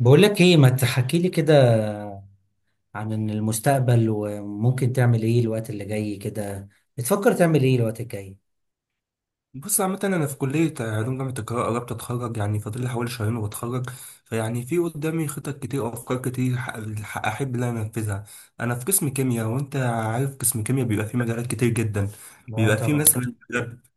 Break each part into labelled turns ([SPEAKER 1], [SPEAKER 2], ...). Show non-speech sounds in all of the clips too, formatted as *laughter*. [SPEAKER 1] بقول لك ايه، ما تحكي لي كده عن المستقبل وممكن تعمل ايه الوقت اللي جاي كده. بتفكر تعمل ايه الوقت الجاي؟
[SPEAKER 2] بص، عامة أنا في كلية علوم جامعة القاهرة قربت أتخرج، يعني فاضل لي حوالي شهرين وبتخرج. فيعني في قدامي خطط كتير وأفكار كتير أحب إن أنا أنفذها. أنا في قسم كيمياء، وأنت عارف قسم كيمياء بيبقى فيه مجالات كتير جدا.
[SPEAKER 1] اه،
[SPEAKER 2] بيبقى فيه
[SPEAKER 1] طبعا.
[SPEAKER 2] مثلا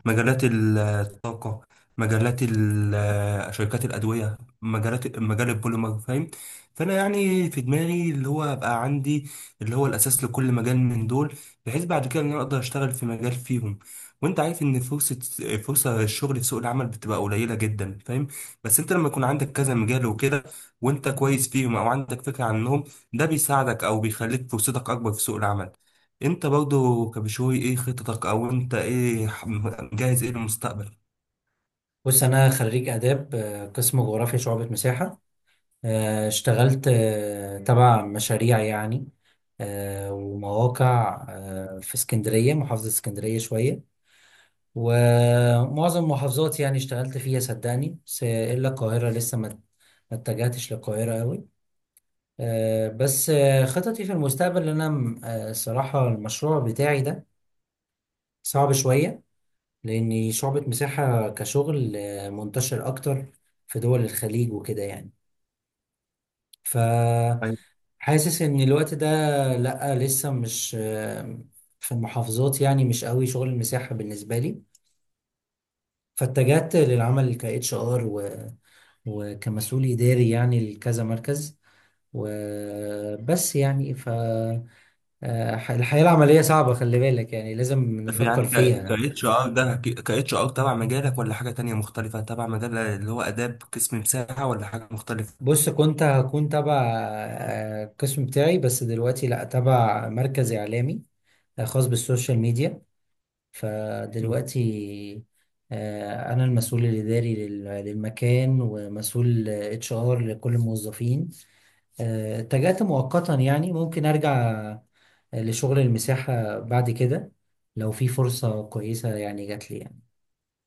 [SPEAKER 2] مجالات الطاقة، مجالات شركات الأدوية، مجال البوليمر، فاهم؟ فأنا يعني في دماغي اللي هو أبقى عندي اللي هو الأساس لكل مجال من دول، بحيث بعد كده إن أنا أقدر أشتغل في مجال فيهم. وانت عارف ان فرصة الشغل في سوق العمل بتبقى قليلة جدا، فاهم؟ بس انت لما يكون عندك كذا مجال وكده، وانت كويس فيهم او عندك فكرة عنهم، ده بيساعدك او بيخليك فرصتك اكبر في سوق العمل. انت برضو كبشوي، ايه خططك، او انت ايه مجهز ايه للمستقبل؟
[SPEAKER 1] بص، انا خريج اداب، قسم جغرافيا شعبة مساحة. اشتغلت تبع مشاريع يعني، ومواقع في اسكندرية، محافظة اسكندرية شوية، ومعظم المحافظات يعني اشتغلت فيها صدقني، بس الا القاهرة لسه ما اتجهتش للقاهرة قوي. بس خططي في المستقبل ان انا، الصراحه المشروع بتاعي ده صعب شويه، لاني شعبة مساحه كشغل منتشر اكتر في دول الخليج وكده يعني.
[SPEAKER 2] أيوة.
[SPEAKER 1] فحاسس ان الوقت ده، لا لسه مش، في المحافظات يعني مش قوي شغل المساحه بالنسبه لي. فاتجهت للعمل ك HR وكمسؤول اداري يعني لكذا مركز وبس يعني. ف آه، الحياة العملية صعبة، خلي بالك يعني لازم
[SPEAKER 2] طب
[SPEAKER 1] نفكر
[SPEAKER 2] يعني ك
[SPEAKER 1] فيها.
[SPEAKER 2] اتش ار ده ك اتش ار تبع مجالك ولا حاجة تانية مختلفة تبع مجال اللي هو اداب قسم مساحة، ولا حاجة مختلفة؟
[SPEAKER 1] بص، كنت هكون تبع القسم بتاعي، بس دلوقتي لا، تبع مركز إعلامي خاص بالسوشيال ميديا. فدلوقتي أنا المسؤول الإداري للمكان ومسؤول HR لكل الموظفين. اتجهت مؤقتا يعني ممكن أرجع لشغل المساحة بعد كده، لو في فرصة كويسة يعني جات لي يعني.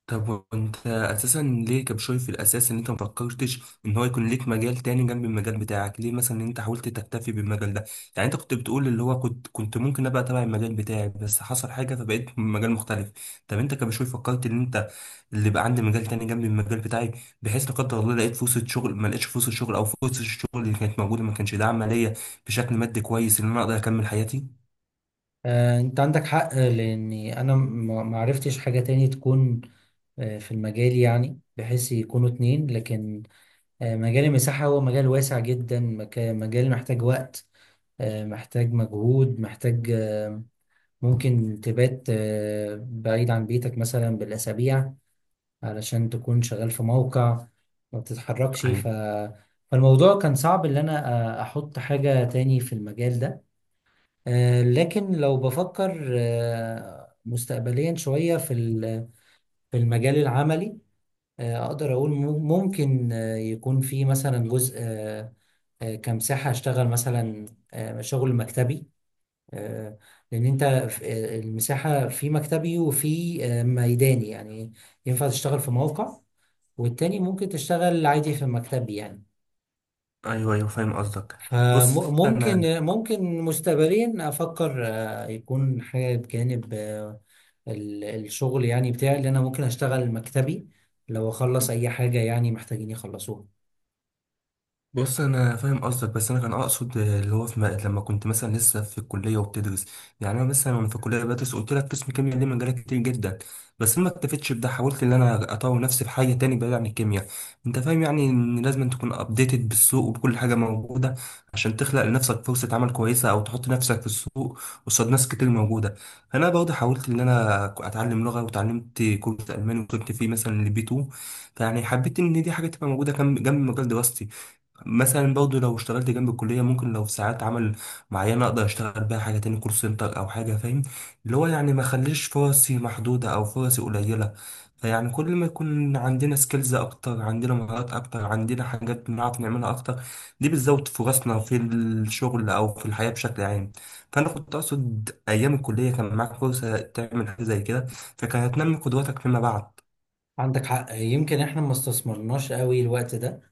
[SPEAKER 2] طب وانت اساسا ليه كان شايف في الاساس ان انت مفكرتش ان هو يكون ليك مجال تاني جنب المجال بتاعك؟ ليه مثلا انت حاولت تكتفي بالمجال ده؟ يعني انت كنت بتقول اللي هو كنت ممكن ابقى تبع المجال بتاعي بس حصل حاجه فبقيت في مجال مختلف. طب انت كان شايف، فكرت ان انت اللي بقى عندي مجال تاني جنب المجال بتاعي، بحيث لا قدر الله لقيت فرصه شغل، ما لقيتش فرصه شغل او فرصه الشغل اللي كانت موجوده ما كانش داعمه ليا بشكل مادي كويس ان انا اقدر اكمل حياتي.
[SPEAKER 1] انت عندك حق، لاني انا ما عرفتش حاجة تاني تكون في المجال، يعني بحيث يكونوا اتنين. لكن مجال المساحة هو مجال واسع جدا، مجال محتاج وقت، محتاج مجهود، محتاج ممكن تبات بعيد عن بيتك مثلا بالأسابيع علشان تكون شغال في موقع، ما بتتحركش.
[SPEAKER 2] ايوه،
[SPEAKER 1] فالموضوع كان صعب ان انا احط حاجة تاني في المجال ده. لكن لو بفكر مستقبليا شوية في المجال العملي، أقدر أقول ممكن يكون في مثلا جزء كمساحة أشتغل مثلا شغل مكتبي. آه، لأن أنت المساحة في مكتبي وفي ميداني يعني. ينفع تشتغل في موقع والتاني ممكن تشتغل عادي في مكتبي يعني.
[SPEAKER 2] ايوه، ايوه، فاهم قصدك. بص انا
[SPEAKER 1] فممكن مستقبليا أفكر يكون حاجة بجانب الشغل يعني بتاعي، اللي انا ممكن اشتغل مكتبي لو اخلص اي حاجة يعني محتاجين يخلصوها.
[SPEAKER 2] بص انا فاهم قصدك، بس انا كان اقصد اللي هو في لما كنت مثلا لسه في الكليه وبتدرس. يعني انا مثلا وانا في الكليه بدرس، قلت لك قسم كيمياء ليه مجالات كتير جدا، بس انا ما اكتفيتش بده، حاولت ان انا اطور نفسي في حاجه تاني بعيد عن الكيمياء. انت فاهم يعني، ان لازم أن تكون ابديتد بالسوق وبكل حاجه موجوده عشان تخلق لنفسك فرصه عمل كويسه او تحط نفسك في السوق قصاد ناس كتير موجوده. فانا برضه حاولت ان انا اتعلم لغه، وتعلمت كورس الماني وكنت فيه مثلا لبي 2. فيعني حبيت ان دي حاجه تبقى موجوده جنب جنب مجال دراستي. مثلا برضه لو اشتغلت جنب الكلية، ممكن لو في ساعات عمل معينة أقدر أشتغل بيها حاجة تاني، كول سنتر أو حاجة، فاهم؟ اللي هو يعني ما خليش فرصي محدودة أو فرصي قليلة. فيعني كل ما يكون عندنا سكيلز أكتر، عندنا مهارات أكتر، عندنا حاجات بنعرف نعملها أكتر، دي بتزود فرصنا في الشغل أو في الحياة بشكل عام. فأنا كنت أقصد أيام الكلية كان معاك فرصة تعمل حاجة زي كده، فكانت هتنمي قدراتك فيما بعد.
[SPEAKER 1] عندك حق، يمكن احنا ما استثمرناش قوي الوقت ده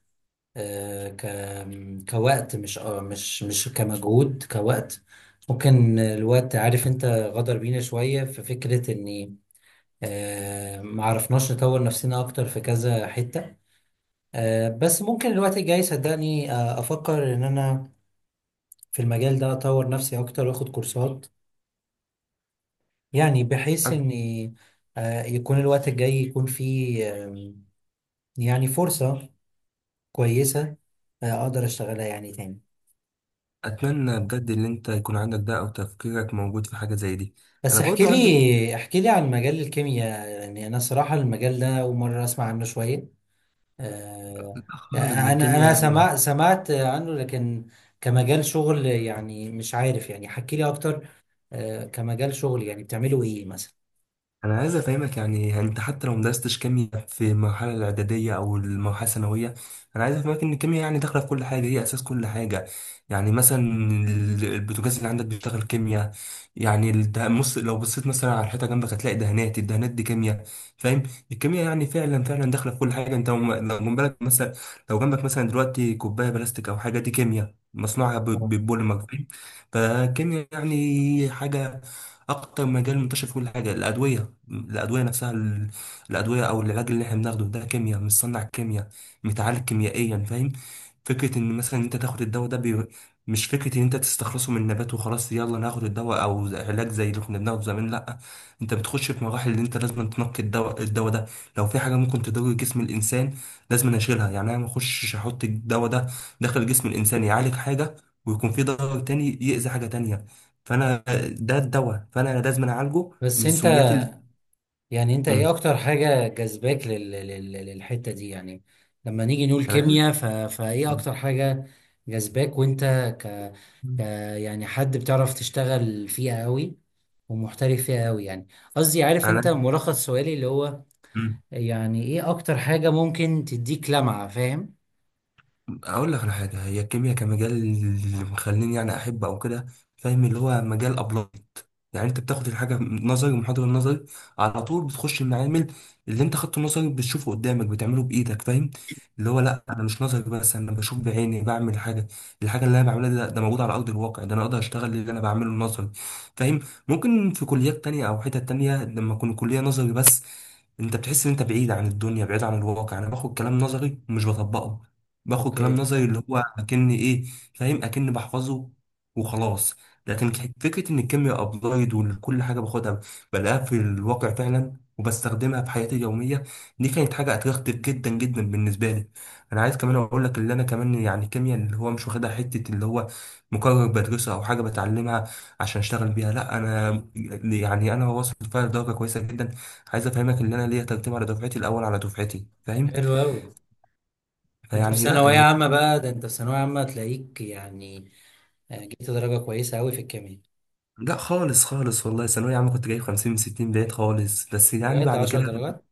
[SPEAKER 1] آه، ك كوقت، مش مش كمجهود، كوقت. ممكن الوقت، عارف انت غدر بينا شوية في فكرة اني ما عرفناش نطور نفسنا اكتر في كذا حتة. بس ممكن الوقت الجاي صدقني افكر ان انا في المجال ده اطور نفسي اكتر واخد كورسات، يعني بحيث ان يكون الوقت الجاي يكون فيه يعني فرصة كويسة اقدر اشتغلها يعني تاني.
[SPEAKER 2] اتمنى بجد ان انت يكون عندك ده او تفكيرك موجود في حاجه زي دي.
[SPEAKER 1] بس
[SPEAKER 2] انا
[SPEAKER 1] احكي
[SPEAKER 2] برضو عندي
[SPEAKER 1] لي احكي لي عن مجال الكيمياء، يعني انا صراحة المجال ده اول مرة اسمع عنه شوية.
[SPEAKER 2] مشكلة
[SPEAKER 1] آه،
[SPEAKER 2] خالص ده،
[SPEAKER 1] يعني انا
[SPEAKER 2] الكيمياء
[SPEAKER 1] انا
[SPEAKER 2] يعني.
[SPEAKER 1] سمع سمعت عنه، لكن كمجال شغل يعني مش عارف، يعني حكي لي اكتر كمجال شغل يعني بتعملوا ايه مثلا؟
[SPEAKER 2] انا عايز افهمك يعني انت حتى لو مدرستش كيمياء في المرحله الاعداديه او المرحله الثانويه، انا عايز افهمك ان الكيمياء يعني داخله في كل حاجه، هي اساس كل حاجه. يعني مثلا البوتاجاز اللي عندك بيشتغل كيمياء. يعني لو بصيت مثلا على الحيطه جنبك، هتلاقي دهانات، الدهانات دي كيمياء، فاهم؟ الكيمياء يعني فعلا فعلا داخله في كل حاجه. انت لو جنبك مثلا لو جنبك مثلا دلوقتي كوبايه بلاستيك او حاجه، دي كيمياء مصنوعها
[SPEAKER 1] آه.
[SPEAKER 2] ببوليمر، فاهم؟ فالكيمياء يعني حاجه اكتر مجال منتشر فيه الحاجه الادويه، الادويه نفسها الادويه او العلاج اللي احنا بناخده ده كيمياء، مصنع كيمياء، متعالج كيميائيا، يعني فاهم؟ فكره ان مثلا انت تاخد الدواء ده مش فكره ان انت تستخلصه من النبات وخلاص، يلا ناخد الدواء او علاج زي اللي كنا بناخده زمان، لا. انت بتخش في مراحل اللي انت لازم تنقي الدواء ده لو في حاجه ممكن تضر جسم الانسان، لازم اشيلها. يعني انا ما اخشش احط الدواء ده داخل جسم الانسان يعالج حاجه ويكون في ضرر تاني يأذي حاجة تانية. فانا ده الدواء، فانا لازم أنا اعالجه من
[SPEAKER 1] بس انت،
[SPEAKER 2] السميات اللي.
[SPEAKER 1] يعني انت ايه
[SPEAKER 2] مم.
[SPEAKER 1] اكتر حاجة جذباك للحتة دي يعني؟ لما نيجي نقول
[SPEAKER 2] انا عارف.
[SPEAKER 1] كيمياء فايه اكتر حاجة جذباك؟ وانت ك... ك
[SPEAKER 2] مم.
[SPEAKER 1] يعني حد بتعرف تشتغل فيها قوي ومحترف فيها قوي يعني. قصدي، عارف انت
[SPEAKER 2] انا.
[SPEAKER 1] ملخص سؤالي اللي هو
[SPEAKER 2] مم.
[SPEAKER 1] يعني ايه اكتر حاجة ممكن تديك لمعة؟ فاهم.
[SPEAKER 2] اقول لك على حاجه هي الكيمياء كمجال اللي مخليني يعني احب او كده، فاهم؟ اللي هو مجال ابلايد، يعني انت بتاخد الحاجه نظري ومحاضره نظري، على طول بتخش المعامل، اللي انت خدته نظري بتشوفه قدامك، بتعمله بايدك، فاهم؟ اللي هو لا انا مش نظري بس، انا بشوف بعيني، بعمل حاجه. الحاجه اللي انا بعملها ده موجود على ارض الواقع، ده انا اقدر اشتغل اللي انا بعمله نظري، فاهم؟ ممكن في كليات تانية او حتت تانية لما اكون كليه نظري بس، انت بتحس ان انت بعيد عن الدنيا، بعيد عن الواقع، انا باخد كلام نظري ومش بطبقه. باخد كلام
[SPEAKER 1] اوكي.
[SPEAKER 2] نظري اللي هو اكني ايه، فاهم؟ اكني بحفظه وخلاص. لكن فكره ان الكيمياء ابلايد وكل حاجه باخدها بلاقيها في الواقع فعلا، وبستخدمها في حياتي اليوميه، دي كانت حاجه اتغيرت جدا جدا بالنسبه لي. انا عايز كمان اقول لك اللي انا كمان يعني الكيمياء اللي هو مش واخدها حته اللي هو مقرر بدرسها او حاجه بتعلمها عشان اشتغل بيها، لا، انا يعني انا واصل فيها لدرجه كويسه جدا. عايز افهمك ان انا ليا ترتيب على دفعتي، الاول على دفعتي، فاهم؟
[SPEAKER 1] حلو قوي. انت في
[SPEAKER 2] فيعني لا.
[SPEAKER 1] ثانوية عامة بقى؟ ده انت في ثانوية عامة تلاقيك يعني جبت درجة كويسة قوي في الكيمياء؟
[SPEAKER 2] لا خالص خالص والله، ثانوية عامة كنت جايب 50 من 60، بعيد خالص، بس يعني
[SPEAKER 1] بجد،
[SPEAKER 2] بعد
[SPEAKER 1] 10
[SPEAKER 2] كده.
[SPEAKER 1] درجات؟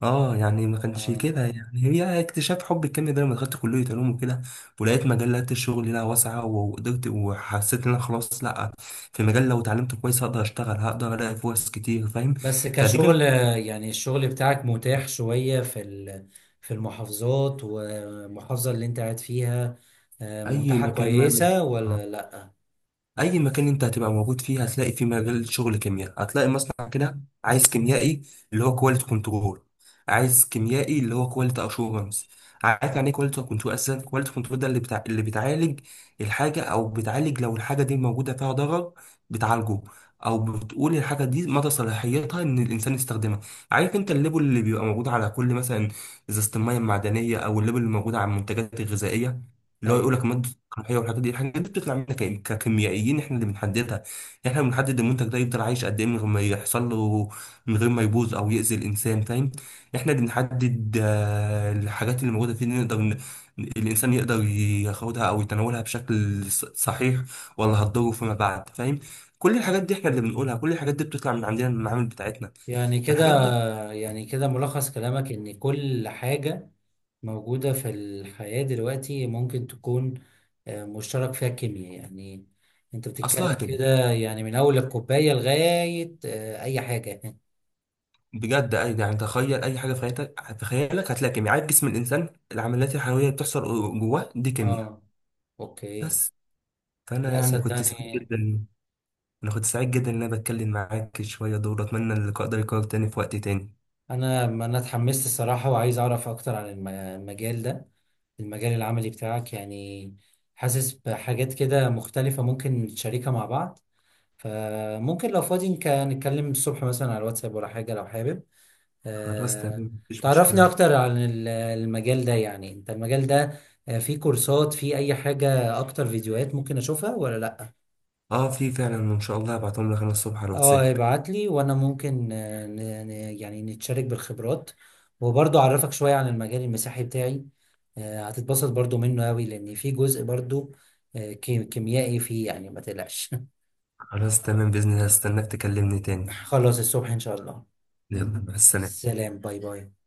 [SPEAKER 2] اه يعني ما كانش
[SPEAKER 1] آه.
[SPEAKER 2] كده، يعني هي اكتشاف حب الكيمياء ده لما دخلت كلية علوم وكده، ولقيت مجالات الشغل لها واسعة، وقدرت وحسيت ان انا خلاص لا، في مجال لو اتعلمت كويس هقدر اشتغل، هقدر الاقي فرص كتير، فاهم؟
[SPEAKER 1] بس
[SPEAKER 2] فدي
[SPEAKER 1] كشغل،
[SPEAKER 2] كانت
[SPEAKER 1] يعني الشغل بتاعك متاح شوية في المحافظات، والمحافظة اللي انت قاعد فيها
[SPEAKER 2] اي
[SPEAKER 1] متاحة
[SPEAKER 2] مكان مهما،
[SPEAKER 1] كويسة ولا لا؟
[SPEAKER 2] اي مكان انت هتبقى موجود فيه هتلاقي فيه مجال شغل كيمياء، هتلاقي مصنع كده عايز كيميائي اللي هو كواليتي كنترول، عايز كيميائي اللي هو كواليتي اشورنس. عارف يعني ايه كواليتي كنترول اصلا؟ كواليتي كنترول ده اللي بتاع اللي بتعالج الحاجه، او بتعالج لو الحاجه دي موجوده فيها ضرر بتعالجه، او بتقول الحاجه دي مدى صلاحيتها ان الانسان يستخدمها. عارف انت الليبل اللي بيبقى موجود على كل مثلا ازازه الميه المعدنيه، او الليبل اللي موجود على المنتجات الغذائيه، اللي هو يقول
[SPEAKER 1] ايوه.
[SPEAKER 2] لك مادة القمحية والحاجات دي، الحاجات دي بتطلع منك ككيميائيين، احنا اللي بنحددها يعني. احنا اللي بنحدد المنتج ده يفضل عايش قد ايه من غير ما يحصل له، من غير ما يبوظ او يأذي الانسان، فاهم؟ احنا اللي بنحدد الحاجات اللي موجودة فيه، اللي نقدر الانسان يقدر ياخدها او يتناولها بشكل صحيح، ولا هتضره فيما بعد، فاهم؟ كل الحاجات دي احنا اللي بنقولها، كل الحاجات دي بتطلع من عندنا من المعامل بتاعتنا.
[SPEAKER 1] يعني كده،
[SPEAKER 2] فالحاجات دي
[SPEAKER 1] يعني كده ملخص كلامك ان كل حاجة موجودة في الحياة دلوقتي ممكن تكون مشترك فيها الكيمياء يعني. انت
[SPEAKER 2] اصلها
[SPEAKER 1] بتتكلم
[SPEAKER 2] كده،
[SPEAKER 1] كده يعني من اول الكوباية لغاية اي حاجة.
[SPEAKER 2] بجد. اي يعني تخيل اي حاجه في حياتك هتخيلك هتلاقي كيمياء. عارف جسم الانسان، العمليات الحيويه اللي بتحصل جواه دي كيمياء.
[SPEAKER 1] اه، اوكي.
[SPEAKER 2] بس. فانا
[SPEAKER 1] لا
[SPEAKER 2] يعني كنت سعيد
[SPEAKER 1] صدقني،
[SPEAKER 2] جدا، انا كنت سعيد جدا ان انا بتكلم معاك شويه دول. اتمنى اللقاء ده يكرر تاني في وقت تاني.
[SPEAKER 1] انا ما انا اتحمست الصراحه، وعايز اعرف اكتر عن المجال ده، المجال العملي بتاعك يعني. حاسس بحاجات كده مختلفه ممكن نشاركها مع بعض. فممكن لو فاضي نتكلم الصبح مثلا على الواتساب ولا حاجه، لو حابب
[SPEAKER 2] خلاص
[SPEAKER 1] آه،
[SPEAKER 2] تمام مفيش
[SPEAKER 1] تعرفني
[SPEAKER 2] مشكله.
[SPEAKER 1] اكتر عن المجال ده. يعني انت المجال ده فيه كورسات، فيه اي حاجه اكتر، فيديوهات ممكن اشوفها ولا لا؟
[SPEAKER 2] اه في فعلا ان شاء الله هبعتهم لك انا الصبح على
[SPEAKER 1] اه،
[SPEAKER 2] الواتساب.
[SPEAKER 1] ابعت لي. وانا ممكن يعني نتشارك بالخبرات، وبرضه اعرفك شوية عن المجال المسيحي بتاعي. هتتبسط برضه منه قوي، لان في جزء برضه كيميائي فيه، يعني ما تقلقش.
[SPEAKER 2] خلاص تمام باذن الله، هستناك تكلمني تاني.
[SPEAKER 1] *laughs* خلاص، الصبح ان شاء الله.
[SPEAKER 2] يلا مع السلامه.
[SPEAKER 1] سلام، باي باي.